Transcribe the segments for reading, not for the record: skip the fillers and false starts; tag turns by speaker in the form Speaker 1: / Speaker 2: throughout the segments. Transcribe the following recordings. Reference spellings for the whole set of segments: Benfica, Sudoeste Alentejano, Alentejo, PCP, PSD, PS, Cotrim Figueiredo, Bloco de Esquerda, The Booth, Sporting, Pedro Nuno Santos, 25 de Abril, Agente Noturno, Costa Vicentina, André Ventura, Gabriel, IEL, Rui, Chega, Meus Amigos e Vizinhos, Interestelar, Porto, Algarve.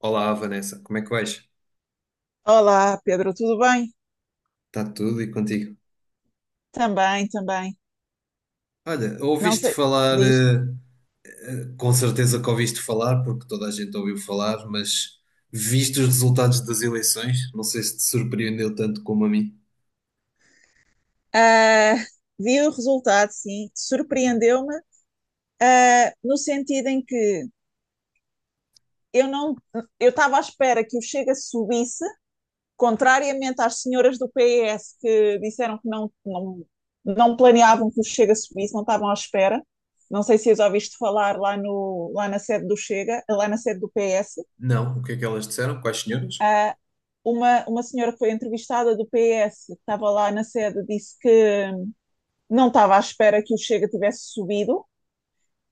Speaker 1: Olá, Vanessa, como é que vais?
Speaker 2: Olá, Pedro, tudo bem?
Speaker 1: Está tudo e contigo?
Speaker 2: Também, também.
Speaker 1: Olha,
Speaker 2: Não
Speaker 1: ouviste
Speaker 2: sei,
Speaker 1: falar,
Speaker 2: diz.
Speaker 1: com certeza que ouviste falar, porque toda a gente ouviu falar, mas viste os resultados das eleições? Não sei se te surpreendeu tanto como a mim.
Speaker 2: Ah, vi o resultado, sim, surpreendeu-me, no sentido em que eu não, eu estava à espera que o Chega subisse, contrariamente às senhoras do PS que disseram que não, não, não planeavam que o Chega subisse, não estavam à espera. Não sei se já ouviste falar lá, no, lá na sede do Chega, lá na sede do PS.
Speaker 1: Não, o que é que elas disseram? Quais senhoras?
Speaker 2: Uh, uma senhora que foi entrevistada do PS, que estava lá na sede, disse que não estava à espera que o Chega tivesse subido.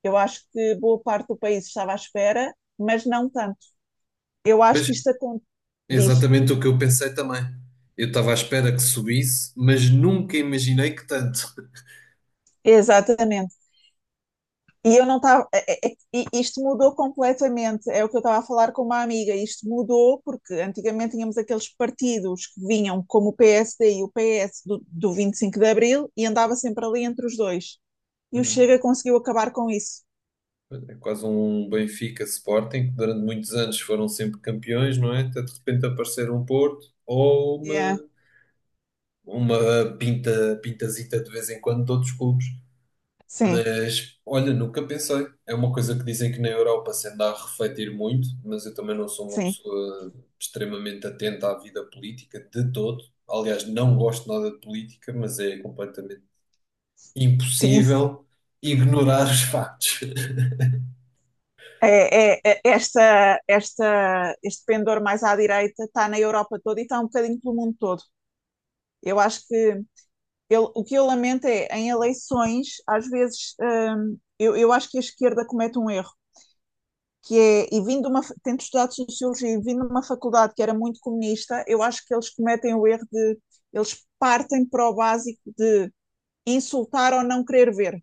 Speaker 2: Eu acho que boa parte do país estava à espera, mas não tanto. Eu acho
Speaker 1: Mas
Speaker 2: que
Speaker 1: é
Speaker 2: isto acontece. Diz,
Speaker 1: exatamente o que eu pensei também. Eu estava à espera que subisse, mas nunca imaginei que tanto.
Speaker 2: exatamente. E eu não estava. Isto mudou completamente. É o que eu estava a falar com uma amiga. Isto mudou porque antigamente tínhamos aqueles partidos que vinham como o PSD e o PS do 25 de Abril e andava sempre ali entre os dois. E o
Speaker 1: Uhum.
Speaker 2: Chega conseguiu acabar com isso.
Speaker 1: É quase um Benfica Sporting, que durante muitos anos foram sempre campeões, não é? Até de repente aparecer um Porto ou
Speaker 2: Yeah.
Speaker 1: uma pinta, pintazita de vez em quando de outros clubes,
Speaker 2: Sim,
Speaker 1: mas olha, nunca pensei. É uma coisa que dizem que na Europa se anda a refletir muito, mas eu também não sou uma
Speaker 2: sim,
Speaker 1: pessoa extremamente atenta à vida política de todo. Aliás, não gosto nada de política, mas é completamente
Speaker 2: sim.
Speaker 1: impossível ignorar os factos.
Speaker 2: Este pendor mais à direita está na Europa toda e está um bocadinho pelo mundo todo. Eu acho que o que eu lamento é, em eleições, às vezes, eu acho que a esquerda comete um erro, que é, e vindo de tendo estudado sociologia e vindo de uma faculdade que era muito comunista, eu acho que eles cometem o erro de, eles partem para o básico de insultar ou não querer ver,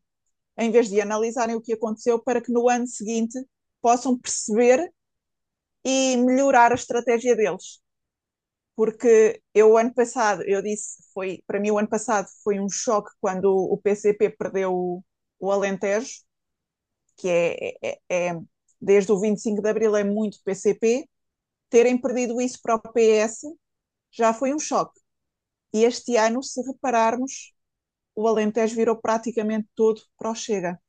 Speaker 2: em vez de analisarem o que aconteceu para que no ano seguinte possam perceber e melhorar a estratégia deles. Porque eu, ano passado, eu disse, foi, para mim o ano passado foi um choque quando o PCP perdeu o Alentejo, que é, é, é, é, desde o 25 de Abril é muito PCP, terem perdido isso para o PS já foi um choque. E este ano, se repararmos, o Alentejo virou praticamente todo para o Chega.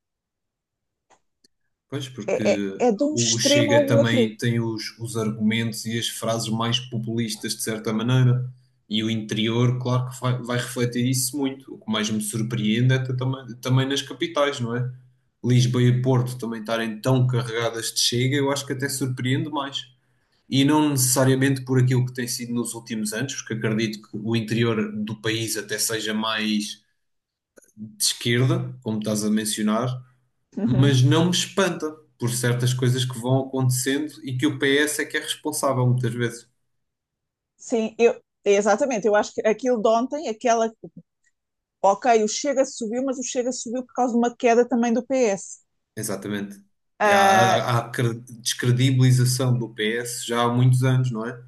Speaker 1: Pois, porque
Speaker 2: É de um
Speaker 1: o
Speaker 2: extremo
Speaker 1: Chega
Speaker 2: ao outro.
Speaker 1: também tem os argumentos e as frases mais populistas, de certa maneira. E o interior, claro que vai refletir isso muito. O que mais me surpreende é também, também nas capitais, não é? Lisboa e Porto também estarem tão carregadas de Chega, eu acho que até surpreende mais. E não necessariamente por aquilo que tem sido nos últimos anos, porque acredito que o interior do país até seja mais de esquerda, como estás a mencionar,
Speaker 2: Uhum.
Speaker 1: mas não me espanta por certas coisas que vão acontecendo e que o PS é que é responsável muitas vezes.
Speaker 2: Sim, exatamente. Eu acho que aquilo de ontem, aquela. Ok, o Chega subiu, mas o Chega subiu por causa de uma queda também do PS.
Speaker 1: Exatamente.
Speaker 2: Ah,
Speaker 1: Descredibilização do PS já há muitos anos, não é?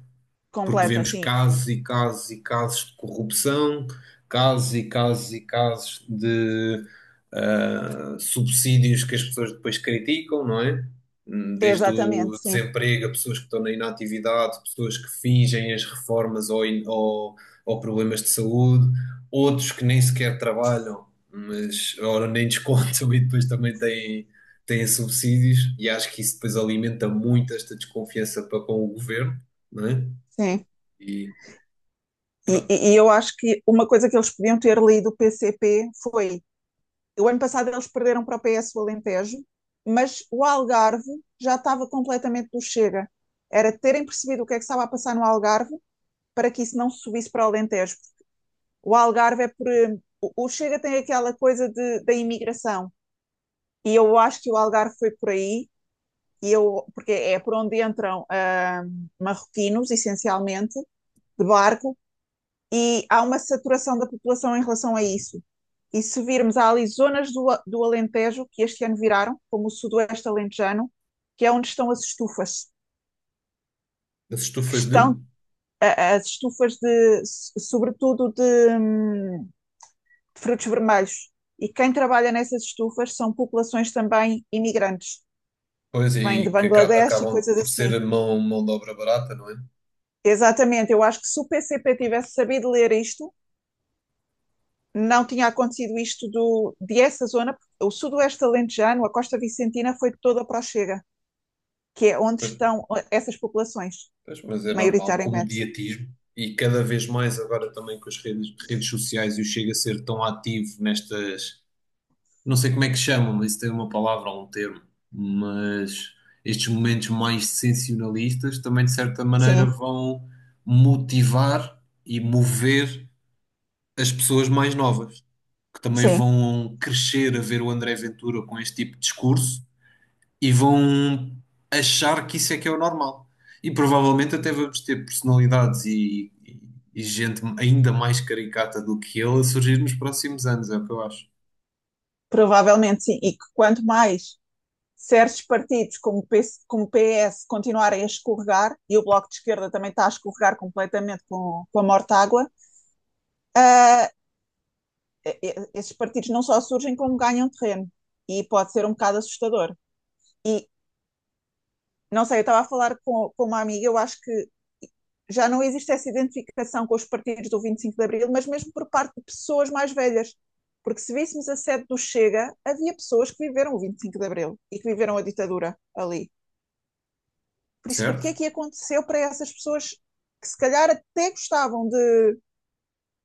Speaker 1: Porque
Speaker 2: completa,
Speaker 1: vemos
Speaker 2: sim.
Speaker 1: casos e casos e casos de corrupção, casos e casos e casos de subsídios que as pessoas depois criticam, não é? Desde
Speaker 2: Exatamente,
Speaker 1: o
Speaker 2: sim.
Speaker 1: desemprego, a pessoas que estão na inatividade, pessoas que fingem as reformas ou problemas de saúde, outros que nem sequer trabalham, mas ora nem descontam e depois também têm subsídios, e acho que isso depois alimenta muito esta desconfiança para com o governo, não é?
Speaker 2: Sim.
Speaker 1: E
Speaker 2: E,
Speaker 1: pronto,
Speaker 2: e- e eu acho que uma coisa que eles podiam ter lido o PCP foi o ano passado eles perderam para o PS o Alentejo, mas o Algarve já estava completamente do Chega. Era terem percebido o que é que estava a passar no Algarve para que isso não subisse para o Alentejo. O Algarve é por. O Chega tem aquela coisa da imigração. E eu acho que o Algarve foi por aí, porque é por onde entram marroquinos, essencialmente, de barco. E há uma saturação da população em relação a isso. E se virmos, há ali zonas do Alentejo que este ano viraram, como o Sudoeste Alentejano, que é onde estão as estufas,
Speaker 1: as
Speaker 2: que
Speaker 1: estufas de.
Speaker 2: estão as estufas de, sobretudo de frutos vermelhos. E quem trabalha nessas estufas são populações também imigrantes,
Speaker 1: Pois,
Speaker 2: que vêm de
Speaker 1: e que
Speaker 2: Bangladesh e
Speaker 1: acabam
Speaker 2: coisas
Speaker 1: por ser
Speaker 2: assim.
Speaker 1: a mão de obra barata, não é?
Speaker 2: Exatamente, eu acho que se o PCP tivesse sabido ler isto, não tinha acontecido isto de essa zona, o Sudoeste Alentejano, a Costa Vicentina foi toda para o Chega, que é onde
Speaker 1: Pois.
Speaker 2: estão essas populações,
Speaker 1: Pois, mas é normal, com o
Speaker 2: maioritariamente.
Speaker 1: mediatismo, e cada vez mais agora também com as redes sociais e o Chega a ser tão ativo nestas, não sei como é que chamam, mas isso tem uma palavra ou um termo, mas estes momentos mais sensacionalistas também de certa maneira
Speaker 2: Sim,
Speaker 1: vão motivar e mover as pessoas mais novas, que também
Speaker 2: sim,
Speaker 1: vão crescer a ver o André Ventura com este tipo de discurso e vão achar que isso é que é o normal. E provavelmente até vamos ter e gente ainda mais caricata do que ele a surgir nos próximos anos, é o que eu acho,
Speaker 2: provavelmente sim. E que quanto mais certos partidos como o PS, como o PS continuarem a escorregar, e o Bloco de Esquerda também está a escorregar completamente com a Mortágua, uh, esses partidos não só surgem como ganham terreno. E pode ser um bocado assustador. E, Não sei, eu estava a falar com uma amiga, eu acho que já não existe essa identificação com os partidos do 25 de Abril, mas mesmo por parte de pessoas mais velhas. Porque se víssemos a sede do Chega, havia pessoas que viveram o 25 de Abril e que viveram a ditadura ali. Por isso, o que é
Speaker 1: certo?
Speaker 2: que aconteceu para essas pessoas que se calhar até gostavam de,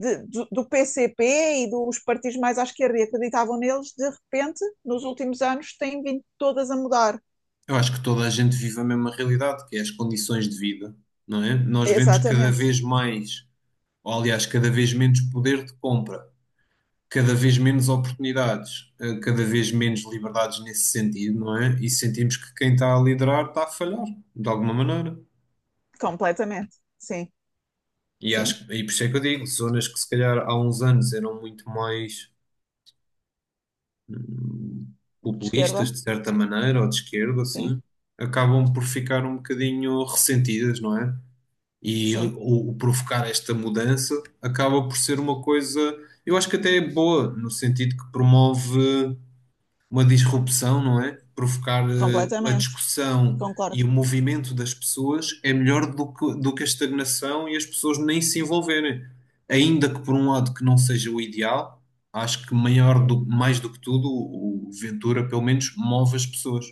Speaker 2: de, do, do PCP e dos partidos mais à esquerda e acreditavam neles, de repente, nos últimos anos, têm vindo todas a mudar.
Speaker 1: Eu acho que toda a gente vive a mesma realidade, que é as condições de vida, não é? Nós vemos cada
Speaker 2: Exatamente,
Speaker 1: vez mais, ou aliás, cada vez menos poder de compra. Cada vez menos oportunidades, cada vez menos liberdades nesse sentido, não é? E sentimos que quem está a liderar está a falhar, de alguma maneira.
Speaker 2: completamente, sim,
Speaker 1: E,
Speaker 2: sim.
Speaker 1: acho, e por isso é que eu digo, zonas que se calhar há uns anos eram muito mais hum,
Speaker 2: De
Speaker 1: populistas,
Speaker 2: esquerda,
Speaker 1: de certa maneira, ou de esquerda,
Speaker 2: sim,
Speaker 1: assim, acabam por ficar um bocadinho ressentidas, não é? E
Speaker 2: sim,
Speaker 1: o provocar esta mudança acaba por ser uma coisa, eu acho que até é boa, no sentido que promove uma disrupção, não é? Provocar a
Speaker 2: completamente,
Speaker 1: discussão e
Speaker 2: concordo,
Speaker 1: o movimento das pessoas é melhor do que a estagnação e as pessoas nem se envolverem. Ainda que por um lado que não seja o ideal, acho que mais do que tudo o Ventura pelo menos move as pessoas.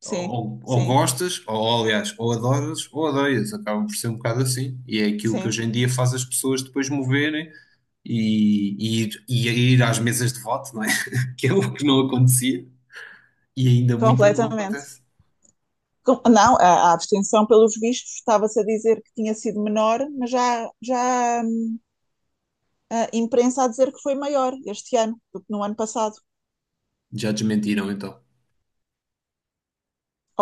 Speaker 2: sim, sim,
Speaker 1: Ou adoras ou odeias, acaba por ser um bocado assim. E é aquilo que
Speaker 2: sim,
Speaker 1: hoje em dia faz as pessoas depois moverem e ir às mesas de voto, não é? Que é o que não acontecia. E ainda muita não acontece.
Speaker 2: completamente. Não, a abstenção, pelos vistos, estava-se a dizer que tinha sido menor, mas já a imprensa a dizer que foi maior este ano do que no ano passado.
Speaker 1: Já desmentiram então.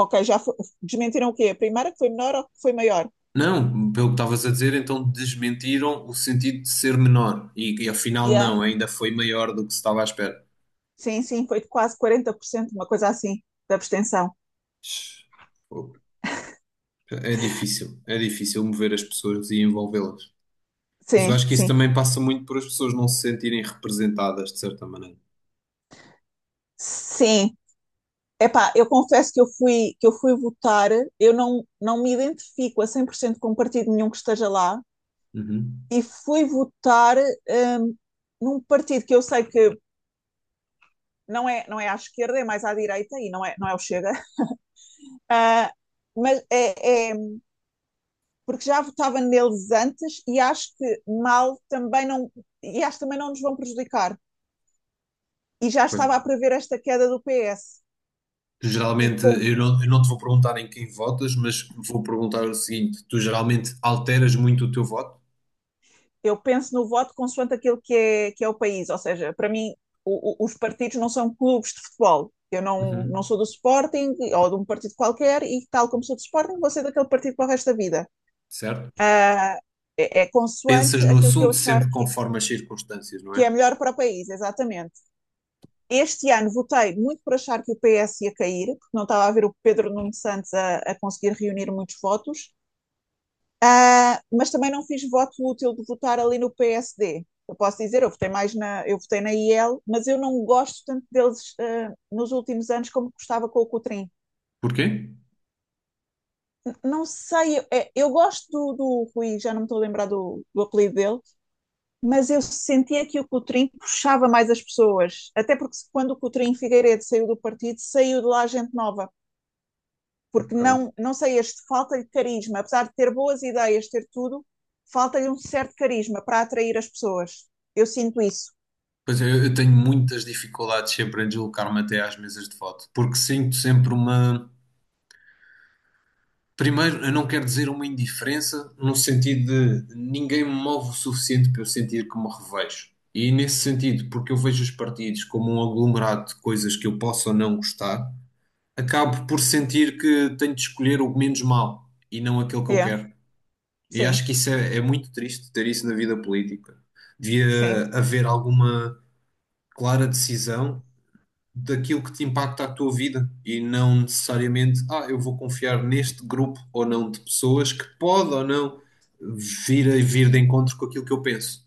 Speaker 2: Ok, desmentiram o quê? A primeira que foi menor ou que foi maior?
Speaker 1: Não, pelo que estavas a dizer, então desmentiram o sentido de ser menor. E afinal,
Speaker 2: Yeah.
Speaker 1: não, ainda foi maior do que se estava à espera.
Speaker 2: Sim, sim, foi de quase 40% uma coisa assim, da abstenção.
Speaker 1: Pô, é difícil, é difícil mover as pessoas e envolvê-las. Mas eu
Speaker 2: Sim,
Speaker 1: acho que isso
Speaker 2: sim.
Speaker 1: também passa muito por as pessoas não se sentirem representadas de certa maneira.
Speaker 2: Sim, epá, eu confesso que que eu fui votar, eu não, não me identifico a 100% com um partido nenhum que esteja lá,
Speaker 1: Uhum.
Speaker 2: e fui votar num partido que eu sei que não é à esquerda, é mais à direita, e não é o Chega. Ah, mas porque já votava neles antes e acho que mal também não, e acho que também não nos vão prejudicar. E já
Speaker 1: Pois.
Speaker 2: estava a prever esta queda do PS. E
Speaker 1: Geralmente,
Speaker 2: com
Speaker 1: eu não te vou perguntar em quem votas, mas vou perguntar o seguinte: tu geralmente alteras muito o teu voto?
Speaker 2: Eu penso no voto consoante aquilo que é o país. Ou seja, para mim, os partidos não são clubes de futebol. Eu não,
Speaker 1: Uhum.
Speaker 2: não sou do Sporting ou de um partido qualquer e, tal como sou do Sporting, vou ser daquele partido para o resto da vida.
Speaker 1: Certo?
Speaker 2: Uh, é consoante
Speaker 1: Pensas no
Speaker 2: aquilo que eu
Speaker 1: assunto
Speaker 2: achar
Speaker 1: sempre
Speaker 2: que,
Speaker 1: conforme as circunstâncias, não
Speaker 2: que
Speaker 1: é?
Speaker 2: é melhor para o país, exatamente. Este ano votei muito por achar que o PS ia cair, porque não estava a ver o Pedro Nuno Santos a conseguir reunir muitos votos. Ah, mas também não fiz voto útil de votar ali no PSD. Eu posso dizer, eu votei na IEL, mas eu não gosto tanto deles nos últimos anos como gostava com o Cotrim.
Speaker 1: Porquê?
Speaker 2: Não sei, eu gosto do Rui, já não me estou a lembrar do apelido dele, mas eu sentia que o Cotrim puxava mais as pessoas. Até porque quando o Cotrim Figueiredo saiu do partido, saiu de lá gente nova. Porque
Speaker 1: Ok.
Speaker 2: não sei, este falta de carisma, apesar de ter boas ideias, ter tudo, falta-lhe um certo carisma para atrair as pessoas. Eu sinto isso.
Speaker 1: Pois é, eu tenho muitas dificuldades sempre em deslocar-me até às mesas de voto, porque sinto sempre uma. Primeiro, eu não quero dizer uma indiferença, no sentido de ninguém me move o suficiente para eu sentir que me revejo. E nesse sentido, porque eu vejo os partidos como um aglomerado de coisas que eu posso ou não gostar, acabo por sentir que tenho de escolher o menos mau e não aquele que eu
Speaker 2: É,
Speaker 1: quero. E acho
Speaker 2: sim,
Speaker 1: que isso é, é muito triste ter isso na vida política.
Speaker 2: sim,
Speaker 1: Devia haver alguma clara decisão daquilo que te impacta a tua vida e não necessariamente, eu vou confiar neste grupo ou não de pessoas que pode ou não vir de encontro com aquilo que eu penso.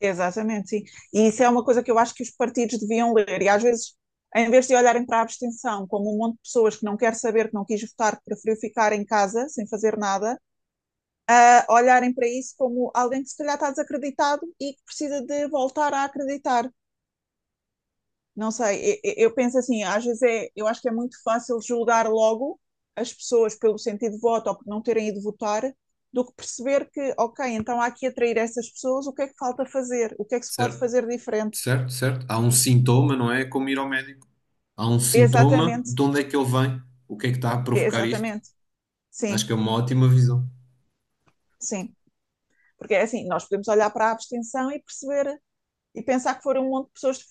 Speaker 2: exatamente, sim. E isso é uma coisa que eu acho que os partidos deviam ler. E às vezes, em vez de olharem para a abstenção como um monte de pessoas que não quer saber, que não quis votar, que preferiu ficar em casa sem fazer nada, a olharem para isso como alguém que se calhar está desacreditado e que precisa de voltar a acreditar. Não sei, eu penso assim, às vezes eu acho que é muito fácil julgar logo as pessoas pelo sentido de voto ou por não terem ido votar, do que perceber que, ok, então há que atrair essas pessoas, o que é que falta fazer? O que é que se pode
Speaker 1: Certo?
Speaker 2: fazer diferente?
Speaker 1: Certo, certo. Há um sintoma, não é? É como ir ao médico. Há um sintoma,
Speaker 2: Exatamente,
Speaker 1: de onde é que ele vem? O que é que está a provocar isto?
Speaker 2: exatamente,
Speaker 1: Acho
Speaker 2: sim,
Speaker 1: que é uma ótima visão.
Speaker 2: sim. Porque é assim, nós podemos olhar para a abstenção e perceber e pensar que foram um monte de pessoas que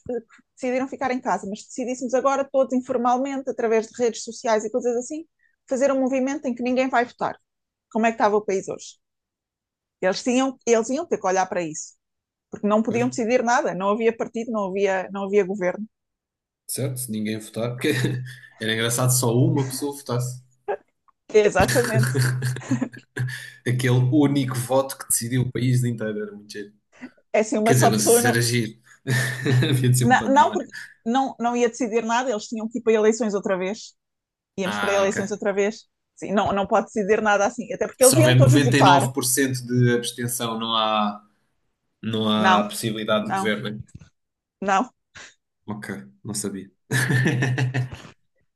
Speaker 2: decidiram ficar em casa, mas se decidíssemos agora todos informalmente, através de redes sociais e coisas assim, fazer um movimento em que ninguém vai votar. Como é que estava o país hoje? Eles iam ter que olhar para isso, porque não
Speaker 1: Pois.
Speaker 2: podiam decidir nada, não havia partido, não havia governo.
Speaker 1: Certo? Se ninguém votar, porque era engraçado se só uma pessoa votasse.
Speaker 2: Exatamente.
Speaker 1: Aquele único voto que decidiu o país inteiro, era muito giro.
Speaker 2: É assim, uma
Speaker 1: Quer dizer,
Speaker 2: só
Speaker 1: não sei
Speaker 2: pessoa
Speaker 1: se
Speaker 2: não,
Speaker 1: era giro. Havia de ser um
Speaker 2: não
Speaker 1: pandemónio.
Speaker 2: porque não ia decidir nada, eles tinham que ir para eleições outra vez. Íamos para
Speaker 1: Ah, ok.
Speaker 2: eleições outra vez. Sim, não pode decidir nada assim, até porque
Speaker 1: Se
Speaker 2: eles
Speaker 1: houver
Speaker 2: iam todos votar.
Speaker 1: 99% de abstenção, não há
Speaker 2: Não,
Speaker 1: possibilidade de
Speaker 2: não,
Speaker 1: governo. Hein?
Speaker 2: não.
Speaker 1: Ok, não sabia.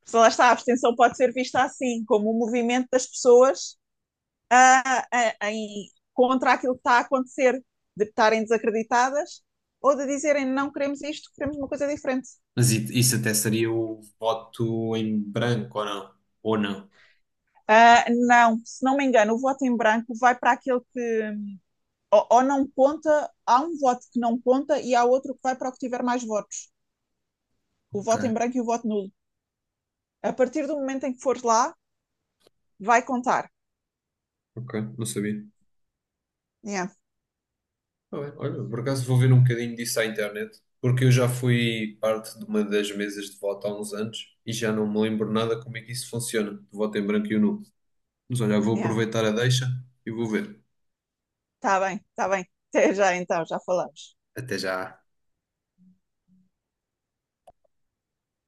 Speaker 2: Se lá está, a abstenção pode ser vista assim, como um movimento das pessoas contra aquilo que está a acontecer, de estarem desacreditadas, ou de dizerem não queremos isto, queremos uma coisa diferente.
Speaker 1: Isso até seria o voto em branco, ou não? Ou não?
Speaker 2: Ah, não, se não me engano, o voto em branco vai para aquele que ou não conta, há um voto que não conta e há outro que vai para o que tiver mais votos. O
Speaker 1: Ok,
Speaker 2: voto em branco e o voto nulo. A partir do momento em que fores lá, vai contar.
Speaker 1: ok, não sabia.
Speaker 2: Yeah,
Speaker 1: Tá bem. Olha, por acaso vou ver um bocadinho disso à internet, porque eu já fui parte de uma das mesas de voto há uns anos e já não me lembro nada como é que isso funciona, de voto em branco e nulo. Mas olha, vou
Speaker 2: yeah.
Speaker 1: aproveitar a deixa e vou ver.
Speaker 2: Está bem, está bem. Até já então, já falamos.
Speaker 1: Até já.